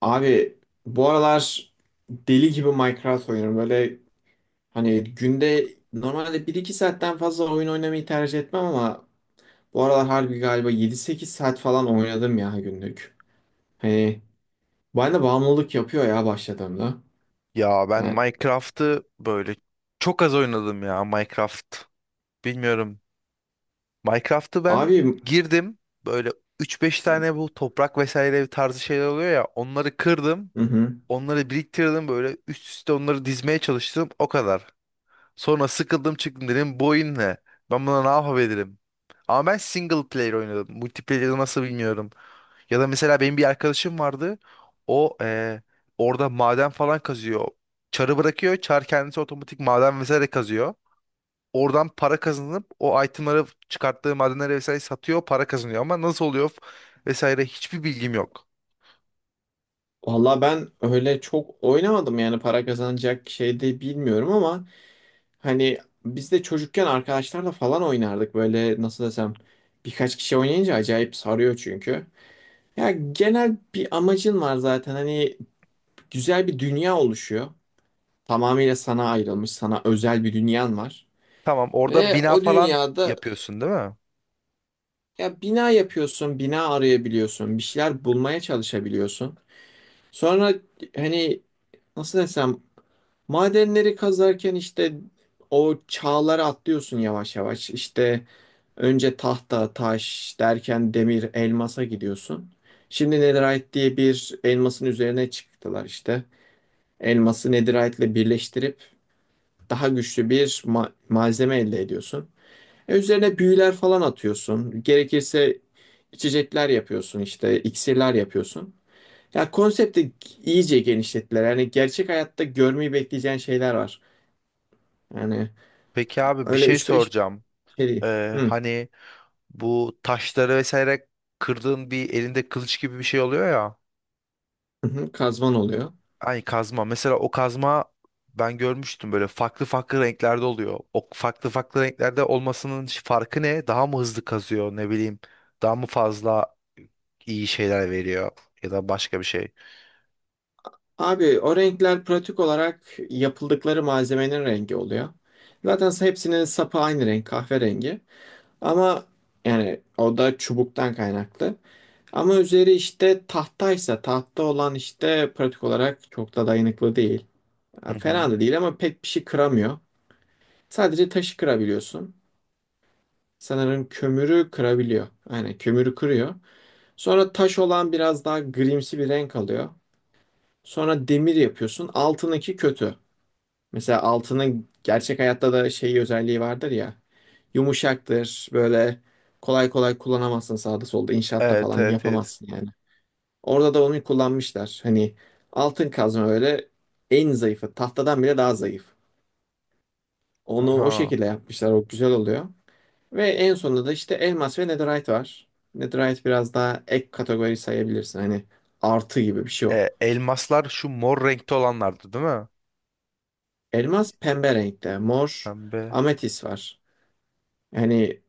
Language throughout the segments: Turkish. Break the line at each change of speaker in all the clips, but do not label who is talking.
Abi bu aralar deli gibi Minecraft oynuyorum. Böyle hani günde normalde bir iki saatten fazla oyun oynamayı tercih etmem ama bu aralar harbi galiba yedi sekiz saat falan oynadım ya günlük. Hani bana bağımlılık yapıyor ya başladığımda.
Ya ben
Yani,
Minecraft'ı böyle çok az oynadım ya Minecraft. Bilmiyorum. Minecraft'ı ben
abi.
girdim. Böyle üç beş tane bu toprak vesaire tarzı şeyler oluyor ya. Onları kırdım.
Hı hı.
Onları biriktirdim böyle üst üste onları dizmeye çalıştım. O kadar. Sonra sıkıldım çıktım dedim bu oyun ne? Ben buna ne yapabilirim? Ama ben single player oynadım. Multiplayer'ı nasıl bilmiyorum. Ya da mesela benim bir arkadaşım vardı. O orada maden falan kazıyor. Çarı bırakıyor. Çar kendisi otomatik maden vesaire kazıyor. Oradan para kazanıp o itemları çıkarttığı madenleri vesaire satıyor. Para kazanıyor ama nasıl oluyor vesaire hiçbir bilgim yok.
Valla ben öyle çok oynamadım, yani para kazanacak şey de bilmiyorum ama hani biz de çocukken arkadaşlarla falan oynardık, böyle nasıl desem, birkaç kişi oynayınca acayip sarıyor çünkü. Ya genel bir amacın var zaten. Hani güzel bir dünya oluşuyor. Tamamıyla sana ayrılmış, sana özel bir dünyan var.
Tamam orada
Ve
bina
o
falan
dünyada
yapıyorsun değil mi?
ya bina yapıyorsun, bina arayabiliyorsun, bir şeyler bulmaya çalışabiliyorsun. Sonra hani nasıl desem, madenleri kazarken işte o çağları atlıyorsun yavaş yavaş. İşte önce tahta, taş derken demir, elmasa gidiyorsun. Şimdi netherite diye bir elmasın üzerine çıktılar işte. Elması netherite'le birleştirip daha güçlü bir malzeme elde ediyorsun. E, üzerine büyüler falan atıyorsun. Gerekirse içecekler yapıyorsun, işte iksirler yapıyorsun. Ya konsepti iyice genişlettiler. Yani gerçek hayatta görmeyi bekleyeceğin şeyler var. Yani
Peki abi bir
öyle
şey
3-5
soracağım.
şey değil. Hı.
Hani bu taşları vesaire kırdığın bir elinde kılıç gibi bir şey oluyor ya.
Hı hı, kazman oluyor.
Hani kazma. Mesela o kazma ben görmüştüm böyle farklı farklı renklerde oluyor. O farklı farklı renklerde olmasının farkı ne? Daha mı hızlı kazıyor ne bileyim. Daha mı fazla iyi şeyler veriyor ya da başka bir şey.
Abi o renkler pratik olarak yapıldıkları malzemenin rengi oluyor. Zaten hepsinin sapı aynı renk, kahverengi. Ama yani o da çubuktan kaynaklı. Ama üzeri işte tahtaysa, tahta olan işte pratik olarak çok da dayanıklı değil.
Hı
Ya fena
hı.
da değil ama pek bir şey kıramıyor. Sadece taşı kırabiliyorsun. Sanırım kömürü kırabiliyor. Yani kömürü kırıyor. Sonra taş olan biraz daha grimsi bir renk alıyor. Sonra demir yapıyorsun. Altındaki kötü. Mesela altının gerçek hayatta da şey özelliği vardır ya. Yumuşaktır. Böyle kolay kolay kullanamazsın, sağda solda inşaatta
Evet,
falan
evet, evet.
yapamazsın yani. Orada da onu kullanmışlar. Hani altın kazma öyle en zayıfı. Tahtadan bile daha zayıf. Onu o
Aha.
şekilde yapmışlar. O güzel oluyor. Ve en sonunda da işte elmas ve netherite var. Netherite biraz daha ek kategori sayabilirsin. Hani artı gibi bir şey o.
E, elmaslar şu mor renkte olanlardı değil mi?
Elmas pembe renkte. Mor
Pembe.
ametis var. Yani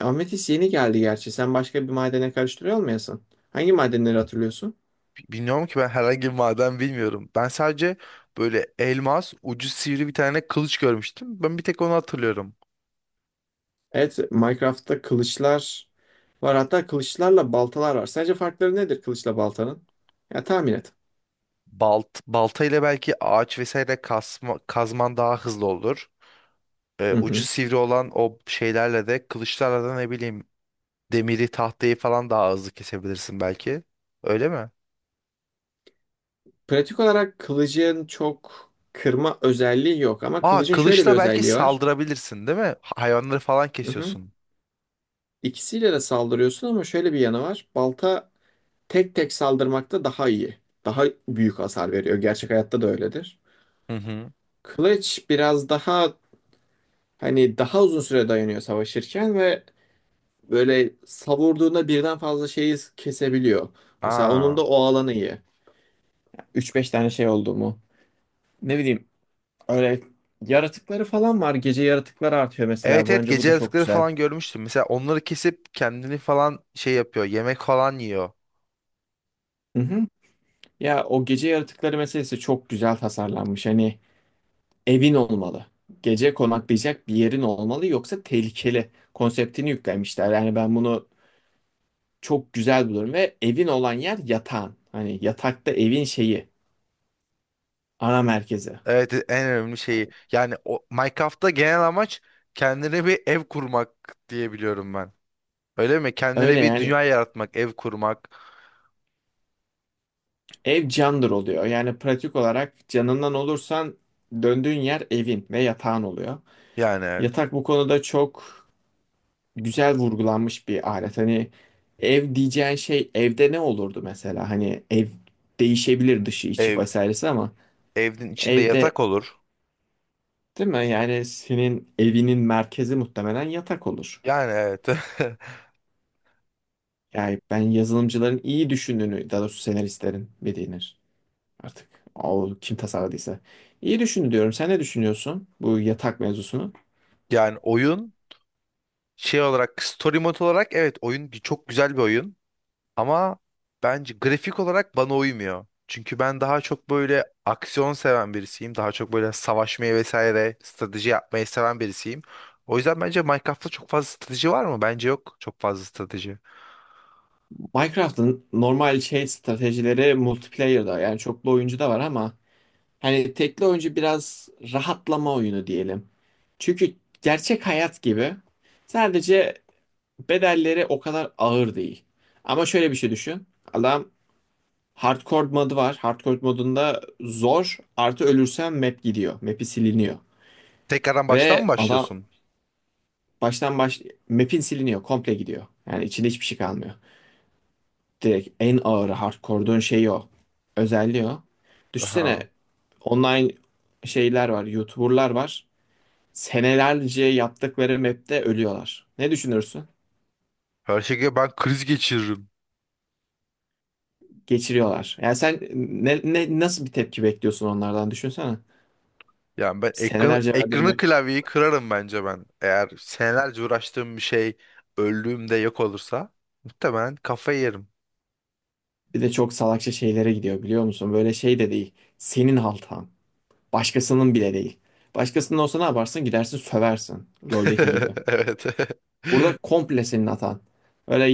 ametis yeni geldi gerçi. Sen başka bir madene karıştırıyor olmayasın. Hangi madenleri hatırlıyorsun?
Bilmiyorum ki ben herhangi bir maden bilmiyorum. Ben sadece böyle elmas ucu sivri bir tane kılıç görmüştüm. Ben bir tek onu hatırlıyorum.
Evet, Minecraft'ta kılıçlar var. Hatta kılıçlarla baltalar var. Sence farkları nedir kılıçla baltanın? Ya tahmin et.
Balta ile belki ağaç vesaire kasma, kazman daha hızlı olur. E,
Hı
ucu
hı.
sivri olan o şeylerle de kılıçlarla da ne bileyim demiri tahtayı falan daha hızlı kesebilirsin belki. Öyle mi?
Pratik olarak kılıcın çok kırma özelliği yok ama
Aa
kılıcın şöyle bir
kılıçla belki
özelliği var.
saldırabilirsin değil mi? Hayvanları falan
Hı hı.
kesiyorsun.
İkisiyle de saldırıyorsun ama şöyle bir yanı var. Balta tek tek saldırmakta daha iyi. Daha büyük hasar veriyor. Gerçek hayatta da öyledir.
Hı hı.
Kılıç biraz daha hani daha uzun süre dayanıyor savaşırken ve böyle savurduğunda birden fazla şeyi kesebiliyor. Mesela
Aa.
onun da o alanı iyi. Üç beş tane şey oldu mu? Ne bileyim, öyle yaratıkları falan var. Gece yaratıkları artıyor mesela.
Evet, evet,
Bence bu
gece
da çok
yaratıkları
güzel.
falan görmüştüm. Mesela onları kesip kendini falan şey yapıyor. Yemek falan yiyor.
Hı hı. Ya o gece yaratıkları meselesi çok güzel tasarlanmış. Hani evin olmalı. Gece konaklayacak bir yerin olmalı, yoksa tehlikeli konseptini yüklemişler. Yani ben bunu çok güzel buluyorum ve evin olan yer yatağın. Hani yatakta evin şeyi, ana merkezi.
Evet en önemli şeyi. Yani o Minecraft'ta genel amaç kendine bir ev kurmak diye biliyorum ben. Öyle mi? Kendine
Öyle
bir
yani,
dünya yaratmak, ev kurmak.
ev candır oluyor. Yani pratik olarak canından olursan döndüğün yer evin ve yatağın oluyor.
Yani evet.
Yatak bu konuda çok güzel vurgulanmış bir alet. Hani ev diyeceğin şey, evde ne olurdu mesela? Hani ev değişebilir, dışı içi
Ev,
vesairesi ama
evin içinde yatak
evde,
olur.
değil mi? Yani senin evinin merkezi muhtemelen yatak olur.
Yani evet.
Yani ben yazılımcıların iyi düşündüğünü, daha doğrusu senaristlerin bir denir. Artık o kim tasarladıysa. İyi düşündü diyorum. Sen ne düşünüyorsun bu yatak mevzusunu?
Yani oyun şey olarak story mode olarak evet oyun çok güzel bir oyun. Ama bence grafik olarak bana uymuyor. Çünkü ben daha çok böyle aksiyon seven birisiyim. Daha çok böyle savaşmayı vesaire strateji yapmayı seven birisiyim. O yüzden bence Minecraft'ta çok fazla strateji var mı? Bence yok çok fazla strateji.
Minecraft'ın normal şey stratejileri multiplayer'da, yani çoklu oyuncu da var ama hani tekli oyuncu biraz rahatlama oyunu diyelim. Çünkü gerçek hayat gibi sadece bedelleri o kadar ağır değil. Ama şöyle bir şey düşün. Adam hardcore modu var. Hardcore modunda zor artı ölürsen map gidiyor. Map'i siliniyor.
Tekrardan baştan mı
Ve adam
başlıyorsun?
Baştan baş map'in siliniyor, komple gidiyor. Yani içinde hiçbir şey kalmıyor. Direkt en ağır hardcore'duğun şeyi o. Özelliği o. Düşünsene
Aha.
online şeyler var, YouTuber'lar var. Senelerce yaptıkları map'te ölüyorlar. Ne düşünürsün?
Her şekilde ben kriz geçiririm.
Geçiriyorlar. Yani sen ne nasıl bir tepki bekliyorsun onlardan düşünsene.
Yani ben ekranı,
Senelerce verdiğin
ekranı
map,
klavyeyi kırarım bence ben. Eğer senelerce uğraştığım bir şey öldüğümde yok olursa muhtemelen kafayı yerim.
bir de çok salakça şeylere gidiyor biliyor musun? Böyle şey de değil. Senin haltan. Başkasının bile değil. Başkasının olsa ne yaparsın? Gidersin söversin. LoL'deki gibi.
Evet.
Burada komple senin hatan. Öyle,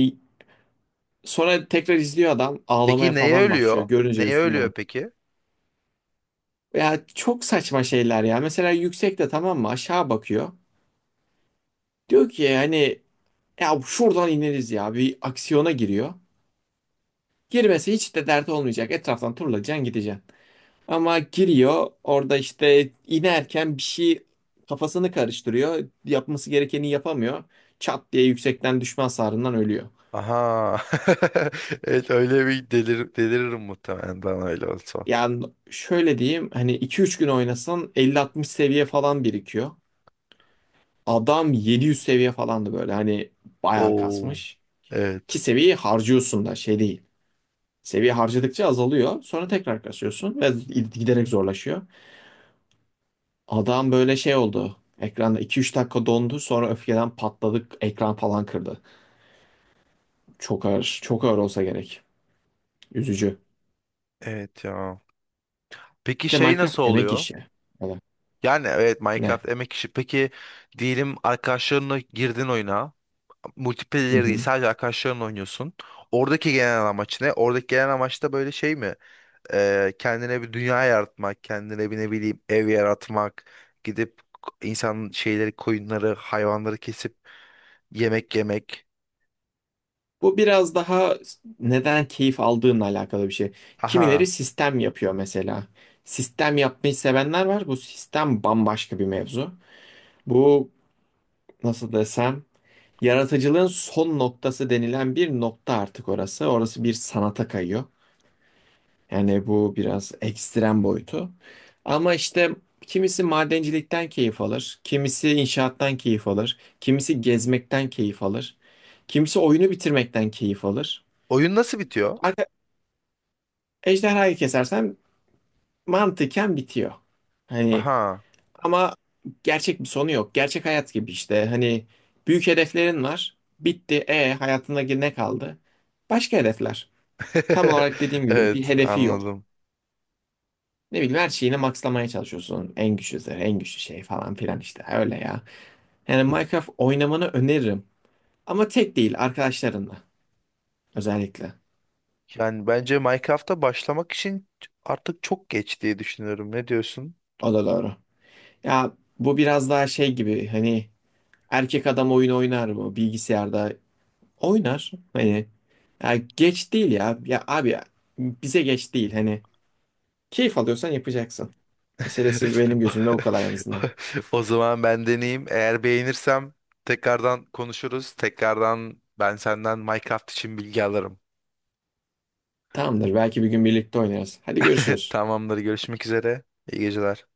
sonra tekrar izliyor adam, ağlamaya
Peki neye
falan başlıyor.
ölüyor?
Görünce
Neye ölüyor
üzülüyorum.
peki?
Ya çok saçma şeyler ya. Mesela yüksekte, tamam mı, aşağı bakıyor. Diyor ki hani ya şuradan ineriz, ya bir aksiyona giriyor. Girmesi hiç de dert olmayacak. Etraftan turlayacaksın gideceksin. Ama giriyor orada, işte inerken bir şey kafasını karıştırıyor. Yapması gerekeni yapamıyor. Çat diye yüksekten düşme hasarından ölüyor.
Aha. Evet öyle bir deliririm muhtemelen ben öyle olsa.
Yani şöyle diyeyim, hani 2-3 gün oynasan 50-60 seviye falan birikiyor. Adam 700 seviye falandı, böyle hani bayağı
Oo.
kasmış.
Evet.
Ki seviyeyi harcıyorsun da şey değil. Seviye harcadıkça azalıyor. Sonra tekrar kasıyorsun ve giderek zorlaşıyor. Adam böyle şey oldu. Ekranda 2-3 dakika dondu, sonra öfkeden patladık, ekran falan kırdı. Çok ağır, çok ağır olsa gerek. Üzücü.
Evet ya. Peki
Bir de
şey
Minecraft
nasıl
emek
oluyor?
işi. Evet.
Yani evet
Ne?
Minecraft emek işi. Peki diyelim arkadaşlarınla girdin oyuna.
Hı
Multiplayer değil
hı.
sadece arkadaşlarınla oynuyorsun. Oradaki genel amaç ne? Oradaki genel amaç da böyle şey mi? Kendine bir dünya yaratmak, kendine bir ne bileyim ev yaratmak, gidip insan şeyleri, koyunları, hayvanları kesip yemek yemek.
Bu biraz daha neden keyif aldığınla alakalı bir şey. Kimileri
Aha.
sistem yapıyor mesela. Sistem yapmayı sevenler var. Bu sistem bambaşka bir mevzu. Bu nasıl desem, yaratıcılığın son noktası denilen bir nokta artık orası. Orası bir sanata kayıyor. Yani bu biraz ekstrem boyutu. Ama işte kimisi madencilikten keyif alır, kimisi inşaattan keyif alır, kimisi gezmekten keyif alır, kimisi oyunu bitirmekten keyif alır.
Oyun nasıl bitiyor?
Ejderhayı kesersen mantıken bitiyor. Hani
Aha.
ama gerçek bir sonu yok. Gerçek hayat gibi işte. Hani büyük hedeflerin var. Bitti. E hayatında ne kaldı? Başka hedefler. Tam olarak dediğim gibi bir
Evet,
hedefi yok.
anladım.
Ne bileyim, her şeyini maxlamaya çalışıyorsun. En güçlüsü, en güçlü şey falan filan işte. Öyle ya. Yani Minecraft oynamanı öneririm. Ama tek değil, arkadaşlarınla özellikle.
Yani bence Minecraft'a başlamak için artık çok geç diye düşünüyorum. Ne diyorsun?
O da doğru. Ya bu biraz daha şey gibi, hani erkek adam oyun oynar mı bilgisayarda? Oynar. Hani ya geç değil ya. Ya abi ya, bize geç değil. Hani keyif alıyorsan yapacaksın. Meselesi benim gözümde o kadar en azından.
O zaman ben deneyeyim. Eğer beğenirsem tekrardan konuşuruz. Tekrardan ben senden Minecraft için bilgi alırım.
Tamamdır. Belki bir gün birlikte oynarız. Hadi görüşürüz.
Tamamdır. Görüşmek üzere. İyi geceler.